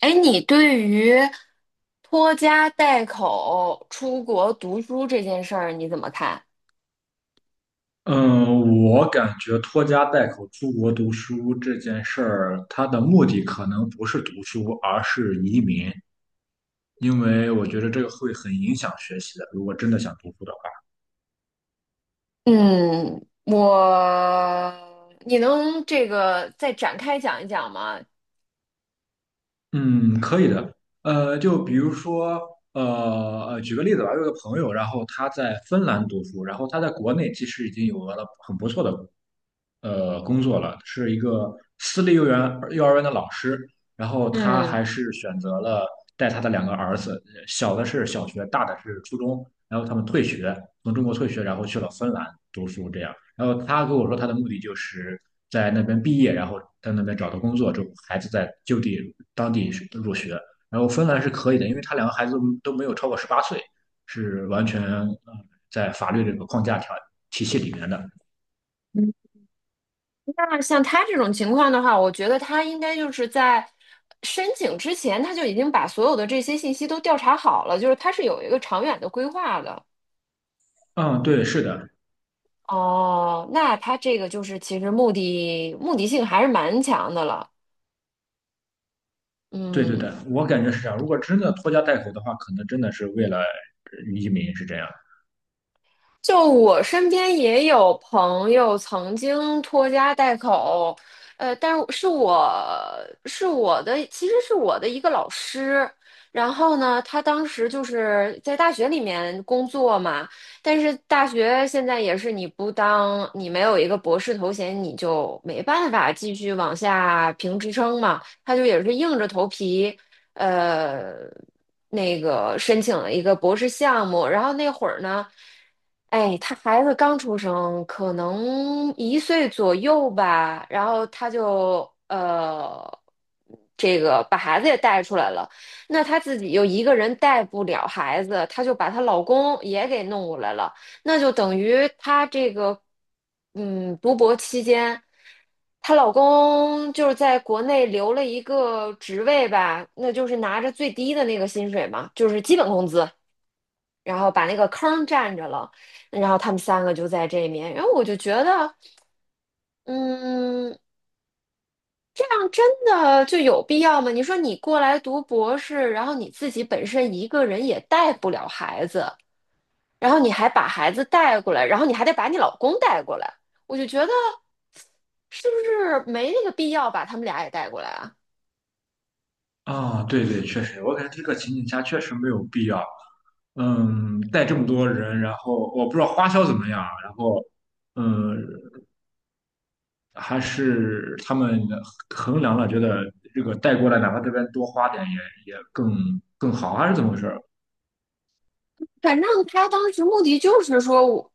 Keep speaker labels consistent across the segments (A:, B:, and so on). A: 哎，你对于拖家带口出国读书这件事儿你怎么看？
B: 嗯，我感觉拖家带口出国读书这件事儿，它的目的可能不是读书，而是移民，因为我觉得这个会很影响学习的。如果真的想读书的话。
A: 嗯，你能这个再展开讲一讲吗？
B: 嗯，可以的。就比如说，呃举个例子吧，我有个朋友，然后他在芬兰读书，然后他在国内其实已经有了很不错的工作了，是一个私立幼儿园的老师。然后他
A: 嗯，
B: 还是选择了带他的两个儿子，小的是小学，大的是初中。然后他们退学，从中国退学，然后去了芬兰读书，这样。然后他跟我说他的目的就是在那边毕业，然后在那边找到工作之后，孩子在就地当地入学。然后芬兰是可以的，因为他两个孩子都没有超过18岁，是完全在法律这个框架条体系里面的。
A: 嗯，那像他这种情况的话，我觉得他应该就是在申请之前他就已经把所有的这些信息都调查好了，就是他是有一个长远的规划的。
B: 嗯，对，是的，
A: 哦，那他这个就是其实目的性还是蛮强的了。
B: 对对
A: 嗯。
B: 对，我感觉是这样。如果真的拖家带口的话，可能真的是为了移民是这样。
A: 就我身边也有朋友曾经拖家带口，但是是我是我的，其实是我的一个老师。然后呢，他当时就是在大学里面工作嘛，但是大学现在也是你不当，你没有一个博士头衔，你就没办法继续往下评职称嘛。他就也是硬着头皮，呃，那个申请了一个博士项目，然后那会儿呢，哎，他孩子刚出生，可能1岁左右吧，然后他就这个把孩子也带出来了，那她自己又一个人带不了孩子，她就把她老公也给弄过来了。那就等于她这个，嗯，读博期间，她老公就是在国内留了一个职位吧，那就是拿着最低的那个薪水嘛，就是基本工资，然后把那个坑占着了，然后他们三个就在这面，然后我就觉得，嗯，这样真的就有必要吗？你说你过来读博士，然后你自己本身一个人也带不了孩子。然后你还把孩子带过来，然后你还得把你老公带过来，我就觉得是不是没那个必要把他们俩也带过来啊？
B: 啊、对对，确实，我感觉这个情景下确实没有必要。嗯，带这么多人，然后我不知道花销怎么样，然后，嗯，还是他们衡量了，觉得这个带过来，哪怕这边多花点也更好，还是怎么回事儿
A: 反正他当时目的就是说我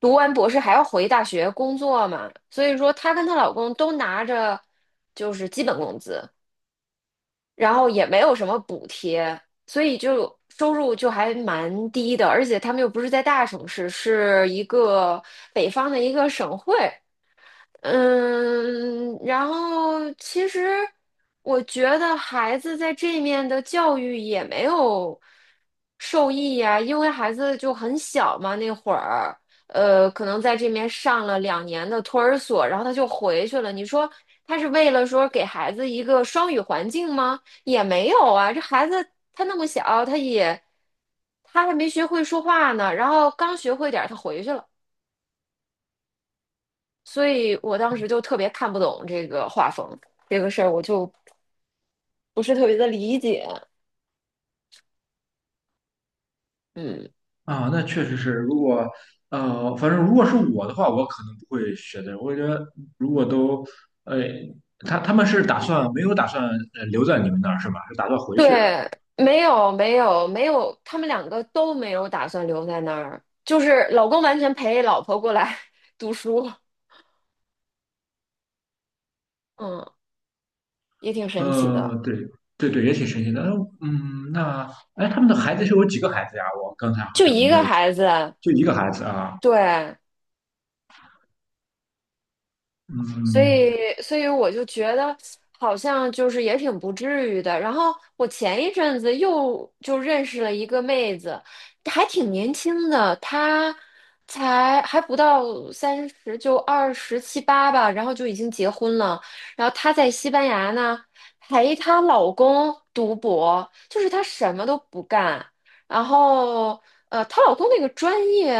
A: 读完博士还要回大学工作嘛，所以说她跟她老公都拿着就是基本工资，然后也没有什么补贴，所以就收入就还蛮低的，而且他们又不是在大城市，是一个北方的一个省会。嗯，然后其实我觉得孩子在这面的教育也没有受益呀，因为孩子就很小嘛，那会儿，可能在这面上了2年的托儿所，然后他就回去了。你说他是为了说给孩子一个双语环境吗？也没有啊，这孩子他那么小，他还没学会说话呢，然后刚学会点儿，他回去了。所以我当时就特别看不懂这个画风这个事儿，我就不是特别的理解。嗯，
B: 啊？那确实是，反正如果是我的话，我可能不会选择，我觉得如果都，呃，他们是打算没有打算留在你们那儿是吧？是打算回去啊？
A: 对，没有没有没有，他们两个都没有打算留在那儿，就是老公完全陪老婆过来 读书，嗯，也挺神奇的，
B: 对对对，也挺神奇的。那哎，他们的孩子是有几个孩子呀？我刚才好
A: 就
B: 像
A: 一
B: 没
A: 个
B: 有记，
A: 孩子，
B: 就一个孩子啊。
A: 对，所
B: 嗯，
A: 以，所以我就觉得好像就是也挺不至于的。然后我前一阵子又就认识了一个妹子，还挺年轻的，她才还不到30，就二十七八吧，然后就已经结婚了。然后她在西班牙呢，陪她老公读博，就是她什么都不干。然后呃，她老公那个专业，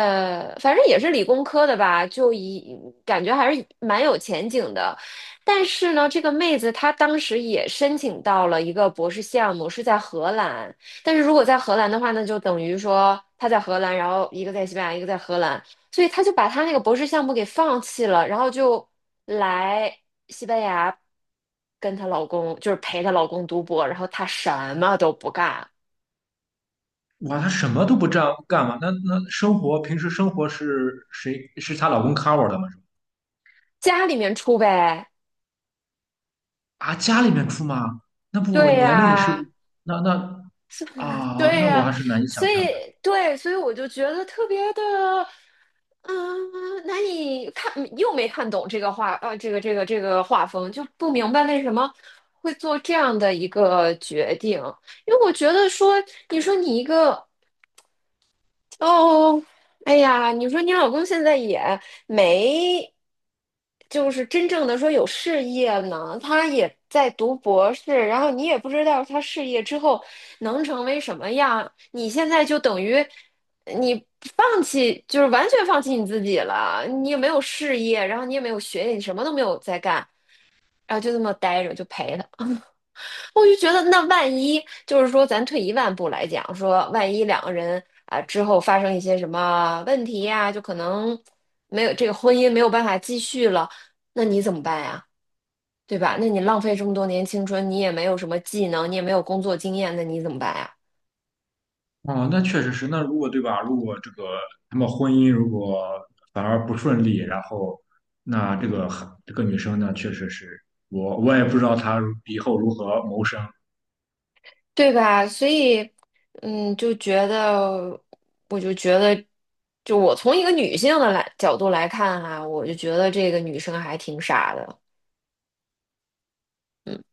A: 反正也是理工科的吧，感觉还是蛮有前景的。但是呢，这个妹子她当时也申请到了一个博士项目，是在荷兰。但是如果在荷兰的话，那就等于说她在荷兰，然后一个在西班牙，一个在荷兰，所以她就把她那个博士项目给放弃了，然后就来西班牙跟她老公，就是陪她老公读博，然后她什么都不干，
B: 哇，他什么都不干干嘛？那那生活平时生活是谁是她老公 cover 的吗？是吧
A: 家里面出呗。
B: 啊，家里面出吗？那不
A: 对
B: 年龄是
A: 呀，
B: 那啊，
A: 对
B: 那我
A: 呀，
B: 还是难以想
A: 所
B: 象的。
A: 以对，所以我就觉得特别的，嗯，难以看，又没看懂这个画，这个画风，就不明白为什么会做这样的一个决定。因为我觉得说，你说你一个哦，哎呀，你说你老公现在也没，就是真正的说有事业呢，他也在读博士，然后你也不知道他事业之后能成为什么样，你现在就等于你放弃，就是完全放弃你自己了，你也没有事业，然后你也没有学业，你什么都没有在干，然后就这么待着就陪他。我就觉得，那万一就是说，咱退一万步来讲，说万一两个人啊之后发生一些什么问题呀，就可能没有这个婚姻没有办法继续了，那你怎么办呀？对吧？那你浪费这么多年青春，你也没有什么技能，你也没有工作经验，那你怎么办呀？
B: 哦，那确实是。那如果对吧？如果这个他们婚姻如果反而不顺利，然后那这个孩这个女生呢，确实是我也不知道她以后如何谋生。
A: 对吧？所以，嗯，就觉得，我就觉得，就我从一个女性的来角度来看哈，我就觉得这个女生还挺傻的，嗯。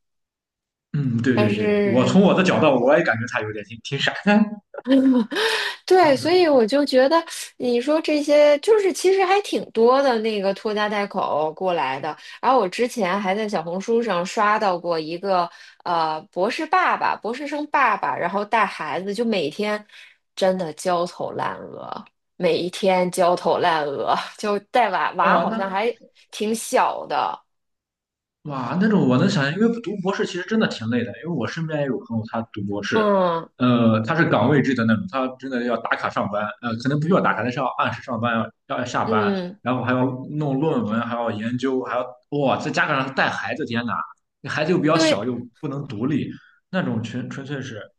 B: 嗯，对
A: 但
B: 对对，我从我
A: 是
B: 的角度，我也感觉她有点挺傻的。
A: 对，所 以我就觉得你说这些就是其实还挺多的那个拖家带口过来的。然后我之前还在小红书上刷到过一个博士生爸爸，然后带孩子就每天真的焦头烂额，每一天焦头烂额，就带娃娃
B: 哦，
A: 好像
B: 那
A: 还挺小的。
B: 哇，那种我能想象，因为读博士其实真的挺累的，因为我身边也有朋友他读博士，
A: 嗯
B: 他是岗位制的那种，他真的要打卡上班，可能不需要打卡，但是要按时上班，要下班，
A: 嗯，
B: 然后还要弄论文，还要研究，还要哇，在加上带孩子，天呐，那孩子又比较
A: 对，
B: 小，又不能独立，那种纯粹是，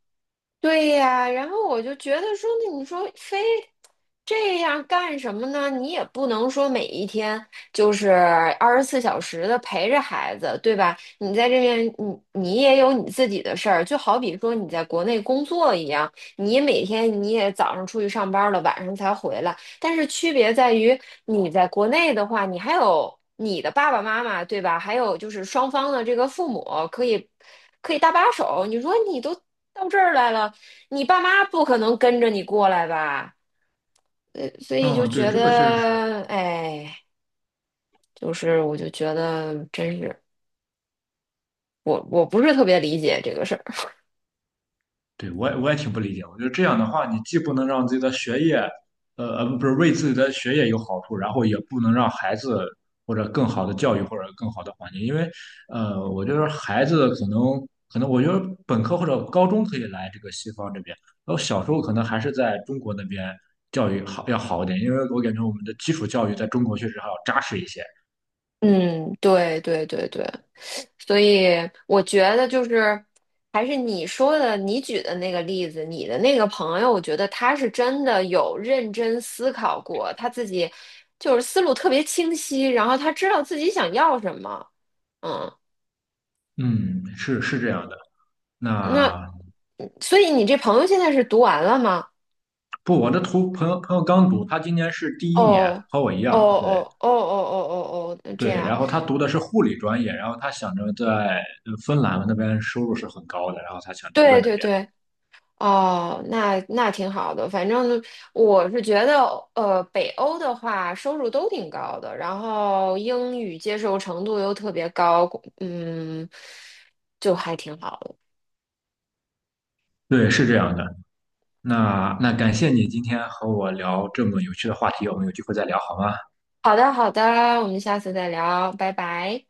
A: 对呀，然后我就觉得说，那你说非这样干什么呢？你也不能说每一天就是24小时的陪着孩子，对吧？你在这边，你也有你自己的事儿，就好比说你在国内工作一样，你每天你也早上出去上班了，晚上才回来，但是区别在于你在国内的话，你还有你的爸爸妈妈，对吧？还有就是双方的这个父母可以可以搭把手。你说你都到这儿来了。你爸妈不可能跟着你过来吧？呃，所以就
B: 嗯，对，
A: 觉
B: 这个确实是，
A: 得，哎，就是我就觉得真是我不是特别理解这个事儿。
B: 对，我也挺不理解。我觉得这样的话，你既不能让自己的学业，不是为自己的学业有好处，然后也不能让孩子或者更好的教育或者更好的环境，因为，我觉得孩子可能，我觉得本科或者高中可以来这个西方这边，然后小时候可能还是在中国那边教育好要好一点，因为我感觉我们的基础教育在中国确实还要扎实一些。
A: 嗯，对对对对，所以我觉得就是还是你说的，你举的那个例子，你的那个朋友，我觉得他是真的有认真思考过，他自己就是思路特别清晰，然后他知道自己想要什么。嗯。
B: 嗯，是是这样的。
A: 那，
B: 那
A: 嗯所以你这朋友现在是读完了吗？
B: 不，我的图朋友朋友刚读，他今年是第一年，
A: 哦，
B: 和我一
A: 哦
B: 样，对。
A: 哦哦哦哦哦哦，这
B: 对，
A: 样，
B: 然后他读的是护理专业，然后他想着在芬兰那边收入是很高的，然后他想留在
A: 对
B: 那
A: 对
B: 边。
A: 对，哦，那挺好的。反正我是觉得，呃，北欧的话收入都挺高的，然后英语接受程度又特别高，嗯，就还挺好的。
B: 对，是
A: 嗯，
B: 这样的。那那感谢你今天和我聊这么有趣的话题，我们有机会再聊好吗？
A: 好的好的，我们下次再聊，拜拜。